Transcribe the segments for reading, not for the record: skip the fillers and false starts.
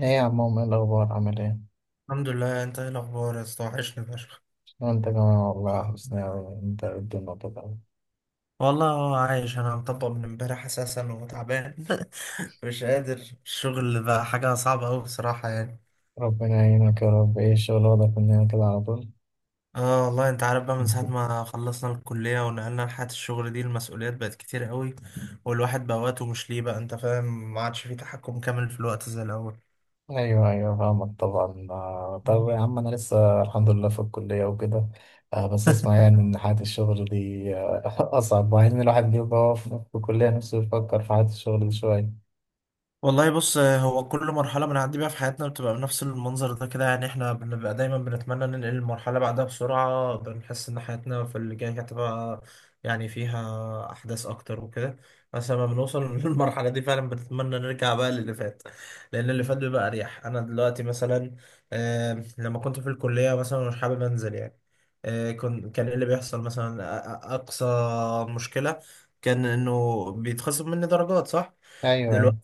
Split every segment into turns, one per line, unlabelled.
ايه يا عمو، ايه الاخبار، عامل ايه؟
الحمد لله، انت ايه الاخبار يا اسطى؟ وحشني فشخ.
وانت كمان والله حسنا أوي. انت إيه الدنيا كده؟
والله هو عايش، انا مطبق من امبارح اساسا وتعبان مش قادر. الشغل بقى حاجه صعبه قوي بصراحه يعني
ربنا يعينك يا رب. ايه الشغل واخدك مننا كده على طول؟
اه والله انت عارف بقى من ساعه ما خلصنا الكليه ونقلنا لحياه الشغل دي، المسؤوليات بقت كتير قوي. والواحد بقى وقته مش ليه، بقى انت فاهم، ما عادش فيه تحكم كامل في الوقت زي
ايوه ايوه فاهمك طبعا آه. طب
الاول.
يا عم انا لسه الحمد لله في الكليه وكده. بس اسمع، ان حياه الشغل دي اصعب، مع ان الواحد بيبقى هو في الكليه نفسه يفكر في حياه الشغل دي شويه.
والله بص، هو كل مرحلة بنعدي بيها في حياتنا بتبقى بنفس المنظر ده كده، يعني احنا بنبقى دايما بنتمنى ننقل المرحلة بعدها بسرعة، بنحس ان حياتنا في اللي جاي هتبقى يعني فيها أحداث أكتر وكده. بس لما بنوصل للمرحلة دي فعلا بنتمنى نرجع بقى للي فات، لأن اللي فات بيبقى أريح. أنا دلوقتي مثلا، لما كنت في الكلية مثلا مش حابب أنزل يعني، كان إيه اللي بيحصل مثلا؟ أقصى مشكلة كان إنه بيتخصم مني درجات، صح؟
ايوه ايوه.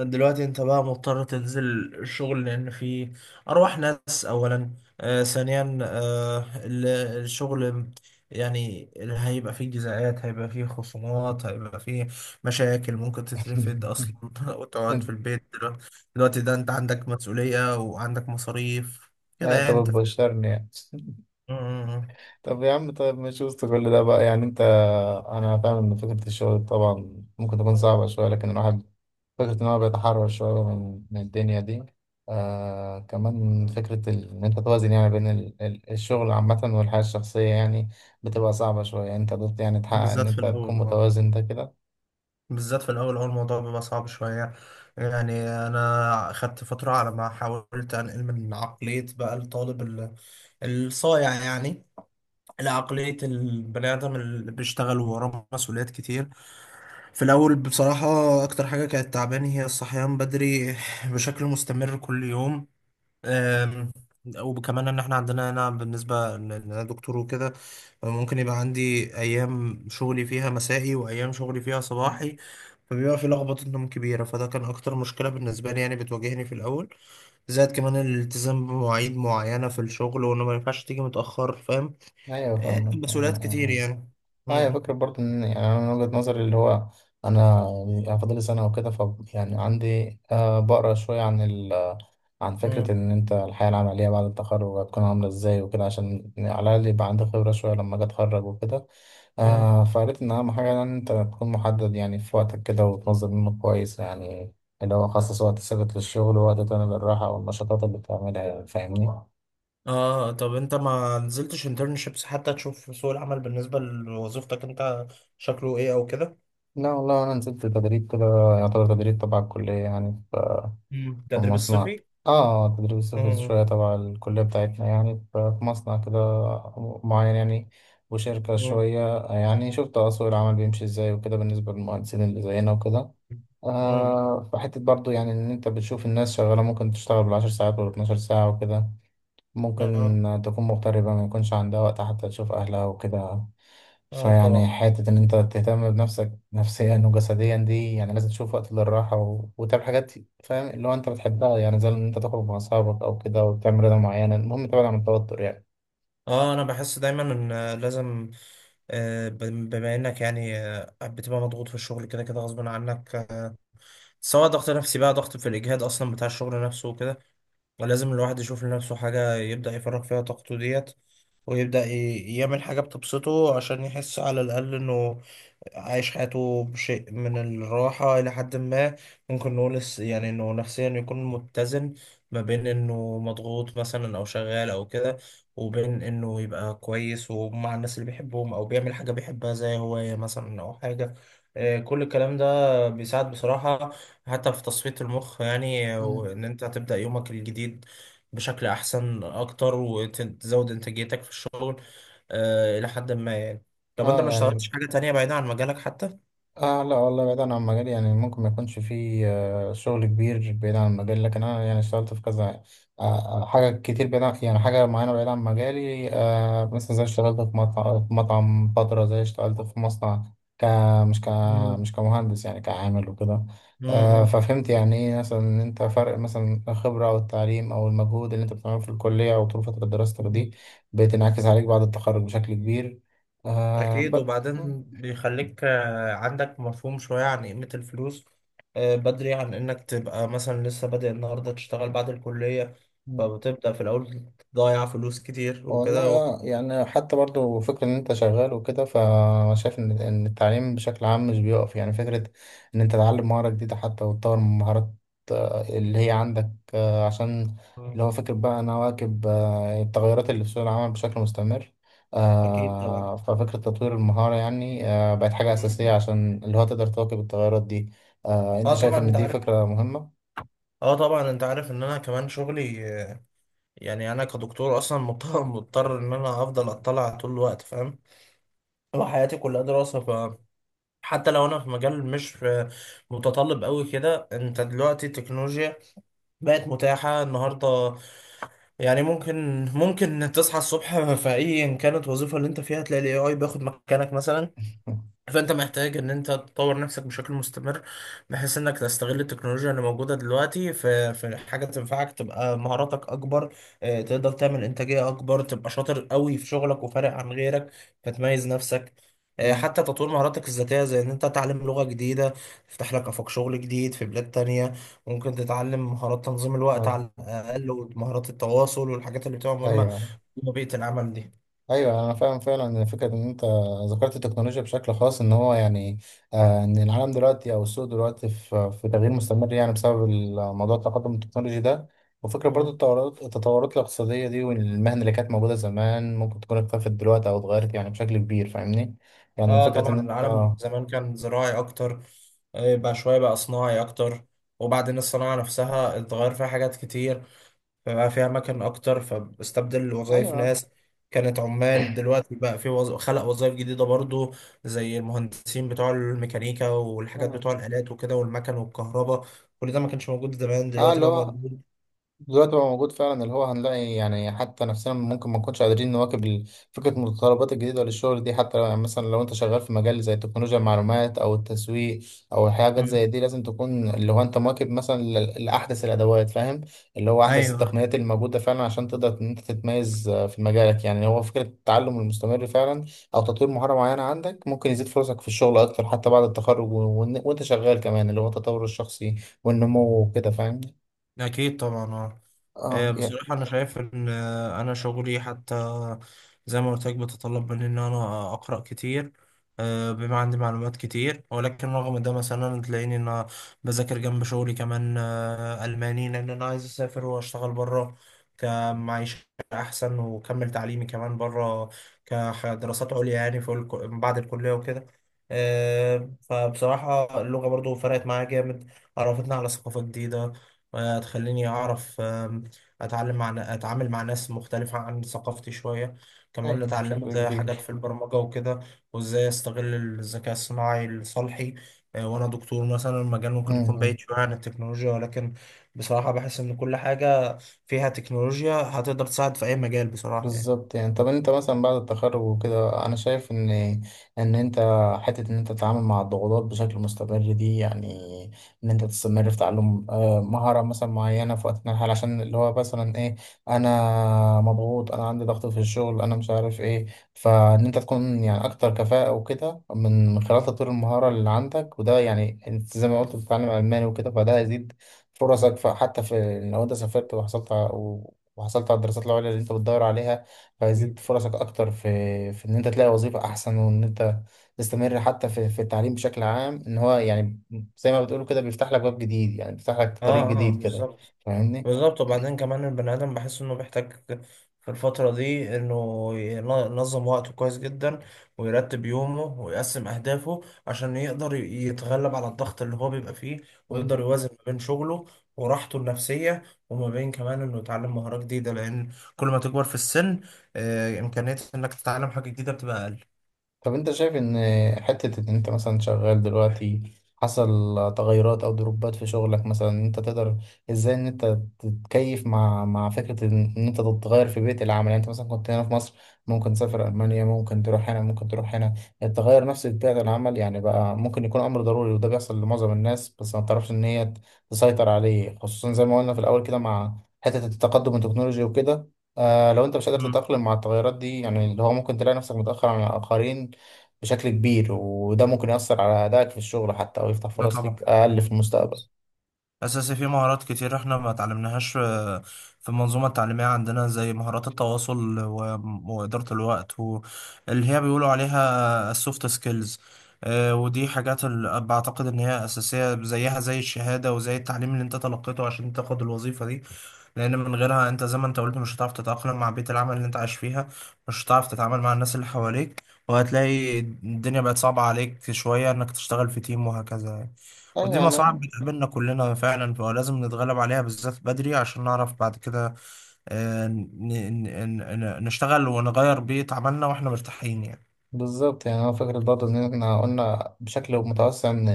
دلوقتي انت بقى مضطر تنزل الشغل لان في ارواح ناس اولا، ثانيا الشغل، يعني اللي هيبقى فيه جزاءات، هيبقى فيه خصومات، هيبقى فيه مشاكل ممكن تترفد اصلا وتقعد في
انت
البيت. دلوقتي دلوقتي ده انت عندك مسؤولية وعندك مصاريف، كده
أيوة،
يعني انت
طب
ف-
بشرني يعني.
م- م-
طب يا عم، طيب مش وسط كل ده بقى يعني انت، انا فاهم ان فكرة الشغل طبعا ممكن تكون صعبة شوية، لكن الواحد فكرة ان هو بيتحرر شوية من الدنيا دي. آه، كمان فكرة ان انت توازن يعني بين الشغل عامة والحياة الشخصية، يعني بتبقى صعبة شوية. يعني انت قدرت يعني
م.
تحقق ان
بالذات في
انت تكون
الاول.
متوازن ده كده؟
بالذات في الاول هو الموضوع بيبقى صعب شويه، يعني انا خدت فتره على ما حاولت انقل من عقليه بقى الصايع يعني لعقليه البني ادم اللي بيشتغل وراه مسؤوليات كتير. في الاول بصراحه اكتر حاجه كانت تعباني هي الصحيان بدري بشكل مستمر كل يوم آم، وكمان ان احنا عندنا هنا بالنسبه ان انا دكتور وكده، ممكن يبقى عندي ايام شغلي فيها مسائي وايام شغلي فيها
مم.
صباحي، فبيبقى في لخبطه نوم كبيره، فده كان اكتر مشكله بالنسبه لي يعني، بتواجهني في الاول. زائد كمان الالتزام بمواعيد معينه في الشغل، وانه ما ينفعش تيجي متاخر، فاهم؟
ايوه
إيه،
فاهمك آه
مسؤوليات كتير
آه.
يعني.
آه. آه، هي
م-
فكرة برضه ان، انا من وجهة نظري اللي هو، انا يعني فاضلي سنة وكده، ف يعني عندي آه بقرا شوية عن عن
م-
فكرة إن أنت الحياة العملية بعد التخرج هتكون عاملة إزاي وكده، عشان على الأقل يبقى عندي خبرة شوية لما أجي أتخرج وكده.
م-
آه، فقالت إن أهم حاجة يعني إن أنت تكون محدد يعني في وقتك كده وتنظم يومك كويس، يعني اللي هو خصص وقت ثابت للشغل ووقت تاني للراحة والنشاطات اللي بتعملها. يعني فاهمني؟
اه، طب انت ما نزلتش انترنشيبس حتى تشوف سوق العمل بالنسبه لوظيفتك انت شكله ايه او كده؟
لا والله أنا نزلت تدريب كده، يعتبر تدريب تبع الكلية يعني،
مم.
في
التدريب
مصنع.
الصيفي.
اه تدريس رخيص شوية
مم.
تبع الكلية بتاعتنا، يعني ففي مصنع كده معين يعني، وشركة
مم.
شوية. يعني شفت آه سوق العمل بيمشي ازاي وكده بالنسبة للمهندسين اللي زينا وكده.
مم.
آه، فحتة برضو يعني إن أنت بتشوف الناس شغالة، ممكن تشتغل بالعشر ساعات ولا 12 ساعة وكده،
اه.
ممكن تكون مغتربة ما يكونش عندها وقت حتى تشوف أهلها وكده.
اه
فيعني
طبعا.
حتة إن أنت تهتم بنفسك نفسيا وجسديا دي يعني لازم تشوف وقت للراحة وتعمل حاجات فاهم، اللي هو أنت بتحبها، يعني زي إن أنت تخرج مع أصحابك أو كده، وتعمل رياضة معينة. المهم تبعد عن التوتر يعني.
اه، انا بحس دايما ان لازم، بما انك يعني بتبقى مضغوط في الشغل كده كده غصب عنك، سواء ضغط نفسي بقى، ضغط في الاجهاد اصلا بتاع الشغل نفسه وكده، لازم الواحد يشوف لنفسه حاجه يبدا يفرغ فيها طاقته ديت، ويبدا يعمل حاجه بتبسطه عشان يحس على الاقل انه عايش حياته بشيء من الراحة إلى حد ما. ممكن نقول يعني إنه نفسيا يكون متزن ما بين إنه مضغوط مثلا أو شغال أو كده، وبين إنه يبقى كويس ومع الناس اللي بيحبهم أو بيعمل حاجة بيحبها زي هواية مثلا أو حاجة. كل الكلام ده بيساعد بصراحة حتى في تصفية المخ يعني،
مم.
وإن أنت هتبدأ يومك الجديد بشكل أحسن أكتر وتزود إنتاجيتك في الشغل، إلى حد ما يعني. طب انت
اه
ما
يعني،
اشتغلتش حاجة تانية بعيدة عن مجالك حتى؟
آه لا والله بعيد عن مجالي. يعني ممكن ما يكونش فيه شغل كبير بعيد عن مجالي، لكن أنا يعني اشتغلت في كذا حاجة كتير بعيد عن، يعني حاجة معينة بعيد عن مجالي مثلا، زي اشتغلت في مطعم، في مطعم فترة، زي اشتغلت في مصنع، ك مش ك
مم.
مش كمهندس يعني، كعامل وكده.
مم.
ففهمت يعني ايه مثلا ان انت فرق مثلا الخبرة او التعليم او المجهود اللي انت بتعمله في الكلية او طول فترة دراستك
مم.
دي بتنعكس عليك بعد التخرج بشكل كبير. آه،
أكيد، وبعدين بيخليك عندك مفهوم شوية عن قيمة الفلوس، بدري، عن إنك تبقى مثلا لسه بادئ النهاردة تشتغل بعد الكلية،
ب...
فبتبدأ في الأول تضيع فلوس كتير
والله
وكده.
اه، يعني حتى برضو فكرة ان انت شغال وكده، فانا شايف ان التعليم بشكل عام مش بيقف. يعني فكرة ان انت تتعلم مهارة جديدة حتى وتطور من مهارات اللي هي عندك، عشان
مم.
اللي هو فكرة بقى انا واكب التغيرات اللي في سوق العمل بشكل مستمر.
أكيد طبعا.
ففكرة تطوير المهارة يعني بقت حاجة أساسية
مم.
عشان اللي هو تقدر تواكب التغيرات دي. انت
أه
شايف
طبعا
ان
أنت
دي
عارف.
فكرة مهمة؟
أه طبعا أنت عارف إن أنا كمان شغلي يعني أنا كدكتور أصلا، مضطر إن أنا أفضل أطلع طول الوقت، فاهم؟ وحياتي كلها دراسة، حتى لو انا في مجال مش متطلب قوي كده. انت دلوقتي التكنولوجيا بقت متاحة النهاردة، يعني ممكن تصحى الصبح في اي ان كانت الوظيفة اللي انت فيها تلاقي الاي اي بياخد مكانك مثلا. فانت محتاج ان انت تطور نفسك بشكل مستمر، بحيث انك تستغل التكنولوجيا اللي موجوده دلوقتي في حاجه تنفعك، تبقى مهاراتك اكبر، تقدر تعمل انتاجيه اكبر، تبقى شاطر قوي في شغلك وفارق عن غيرك فتميز نفسك.
مم.
حتى تطوير مهاراتك الذاتيه زي ان انت تتعلم لغه جديده تفتح لك افاق شغل جديد في بلاد تانية، ممكن تتعلم مهارات تنظيم الوقت
مم.
على الاقل ومهارات التواصل والحاجات اللي بتبقى مهمه
ايوه
في بيئه العمل
ايوه انا فاهم فعلا إن فكره ان انت ذكرت التكنولوجيا بشكل خاص، ان هو يعني آه ان العالم دلوقتي او السوق دلوقتي في تغيير مستمر يعني بسبب الموضوع، التقدم التكنولوجي ده. وفكره
دي.
برضو التطورات الاقتصاديه دي، والمهن اللي كانت موجوده زمان ممكن تكون اختفت دلوقتي او اتغيرت يعني بشكل كبير، فاهمني؟ يعني
اه
الفكره ان
طبعا،
انت
العالم زمان كان زراعي اكتر، بقى شويه بقى صناعي اكتر، وبعدين الصناعه نفسها اتغير فيها حاجات كتير، فبقى فيها اماكن اكتر، فاستبدل وظائف
ايوه
ناس كانت عمال. دلوقتي بقى في خلق وظائف جديده برضو، زي المهندسين بتوع الميكانيكا والحاجات
اه
بتوع الالات وكده والمكن والكهرباء، كل ده ما كانش موجود زمان، دلوقتي
اللي
بقى
هو
موجود.
دلوقتي بقى موجود فعلا. اللي هو هنلاقي يعني حتى نفسنا ممكن ما نكونش قادرين نواكب فكرة المتطلبات الجديدة للشغل دي. حتى يعني مثلا لو انت شغال في مجال زي تكنولوجيا المعلومات او التسويق او حاجات زي
مم.
دي، لازم تكون اللي هو انت مواكب مثلا لأحدث الأدوات فاهم، اللي هو أحدث
ايوه.
التقنيات اللي موجودة فعلا عشان تقدر ان انت تتميز في مجالك. يعني هو فكرة التعلم المستمر فعلا او تطوير مهارة معينة عندك ممكن يزيد فرصك في الشغل اكتر، حتى بعد التخرج وانت شغال كمان، اللي هو التطور الشخصي والنمو وكده فاهم؟
اكيد طبعا اه.
اه
بصراحة أنا شايف إن أنا شغلي حتى زي ما قلت لك بتطلب مني إن أنا أقرأ كتير، بما عندي معلومات كتير، ولكن رغم ده مثلا تلاقيني إن أنا بذاكر جنب شغلي كمان ألماني، لأن أنا عايز أسافر وأشتغل بره كمعيشة أحسن، وأكمل تعليمي كمان بره كدراسات عليا، يعني في بعد الكلية وكده. فبصراحة اللغة برضو فرقت معايا جامد، عرفتني على ثقافة جديدة، تخليني أعرف، اتعلم مع اتعامل مع ناس مختلفة عن ثقافتي شوية. كمان
أيوة بشكل
اتعلمت حاجات
كبير.
في البرمجة وكده، وازاي استغل الذكاء الصناعي لصالحي. وانا دكتور مثلا، المجال ممكن يكون
مم.
بعيد شوية عن التكنولوجيا، ولكن بصراحة بحس ان كل حاجة فيها تكنولوجيا هتقدر تساعد في اي مجال بصراحة يعني.
بالظبط يعني. طب انت مثلا بعد التخرج وكده، انا شايف ان ان انت حته ان انت تتعامل مع الضغوطات بشكل مستمر دي، يعني ان انت تستمر في تعلم مهاره مثلا معينه في وقت من الحال، عشان اللي هو مثلا ايه، انا مضغوط انا عندي ضغط في الشغل انا مش عارف ايه. فان انت تكون يعني اكتر كفاءه وكده من خلال تطوير المهاره اللي عندك. وده يعني انت زي ما قلت بتتعلم الماني وكده، فده هيزيد فرصك حتى في، لو انت سافرت وحصلت على الدراسات العليا اللي انت بتدور عليها، فيزيد
أكيد.
فرصك اكتر في ان انت تلاقي وظيفة احسن، وان انت تستمر حتى في التعليم بشكل عام، ان هو يعني زي ما بتقولوا كده بيفتح لك باب جديد، يعني بيفتح لك طريق
اه اه
جديد كده،
بالظبط.
فاهمني؟
بالظبط، وبعدين كمان البني آدم بحس إنه بيحتاج في الفترة دي إنه ينظم وقته كويس جدا، ويرتب يومه، ويقسم أهدافه عشان يقدر يتغلب على الضغط اللي هو بيبقى فيه، ويقدر يوازن ما بين شغله وراحته النفسية، وما بين كمان إنه يتعلم مهارة جديدة، لأن كل ما تكبر في السن، إمكانية إنك تتعلم حاجة جديدة بتبقى أقل.
طب انت شايف ان حتة ان انت مثلا شغال دلوقتي حصل تغيرات او دروبات في شغلك مثلا، انت تقدر ازاي ان انت تتكيف مع فكرة ان انت تتغير في بيئة العمل؟ يعني انت مثلا كنت هنا في مصر، ممكن تسافر المانيا، ممكن تروح هنا ممكن تروح هنا. التغير نفسي في بيئة العمل يعني بقى ممكن يكون امر ضروري، وده بيحصل لمعظم الناس، بس ما تعرفش ان هي تسيطر عليه، خصوصا زي ما قلنا في الاول كده مع حتة التقدم التكنولوجي وكده. آه لو انت مش قادر
مم.
تتأقلم مع التغيرات دي، يعني اللي هو ممكن تلاقي نفسك متأخر عن الآخرين بشكل كبير، وده ممكن يأثر على أدائك في الشغل حتى، أو يفتح
ده
فرص ليك
طبعا
أقل في المستقبل.
أساسي، في مهارات كتير إحنا ما اتعلمناهاش في المنظومة التعليمية عندنا، زي مهارات التواصل، وإدارة الوقت، واللي هي بيقولوا عليها السوفت سكيلز، ودي حاجات بعتقد إن هي أساسية زيها زي الشهادة وزي التعليم اللي أنت تلقيته عشان تاخد الوظيفة دي، لأن من غيرها أنت زي ما أنت قلت مش هتعرف تتأقلم مع بيئة العمل اللي أنت عايش فيها، مش هتعرف تتعامل مع الناس اللي حواليك، وهتلاقي الدنيا بقت صعبة عليك شوية إنك تشتغل في تيم، وهكذا يعني.
أيوة
ودي مصاعب
يعني.
بتقابلنا كلنا فعلا، فلازم نتغلب عليها بالذات بدري عشان نعرف بعد كده، آه، ن- نشتغل ونغير بيئة عملنا واحنا مرتاحين يعني.
بالظبط يعني. هو فكرة برضه إن إحنا قلنا بشكل متوسع إن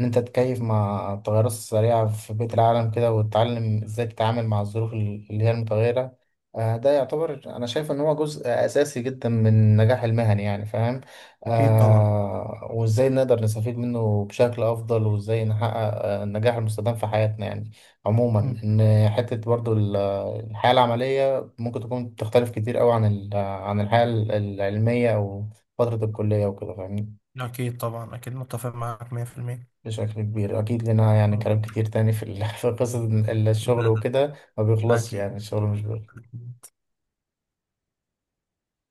أنت تتكيف مع التغيرات السريعة في بيئة العالم كده، وتتعلم إزاي تتعامل مع الظروف اللي هي المتغيرة. ده يعتبر أنا شايف إن هو جزء أساسي جدا من نجاح المهني يعني فاهم.
أكيد طبعا.
آه، وإزاي نقدر نستفيد منه بشكل أفضل، وإزاي نحقق النجاح المستدام في حياتنا يعني عموما.
مم.
إن حتة برضه الحياة العملية ممكن تكون تختلف كتير أوي عن عن الحياة العلمية أو فترة الكلية وكده، فاهمني؟
أكيد طبعا، أكيد متفق معاك 100%
بشكل كبير أكيد. لنا يعني كلام كتير تاني في في قصة الشغل وكده، ما بيخلصش يعني.
أكيد
الشغل مش بيخلص.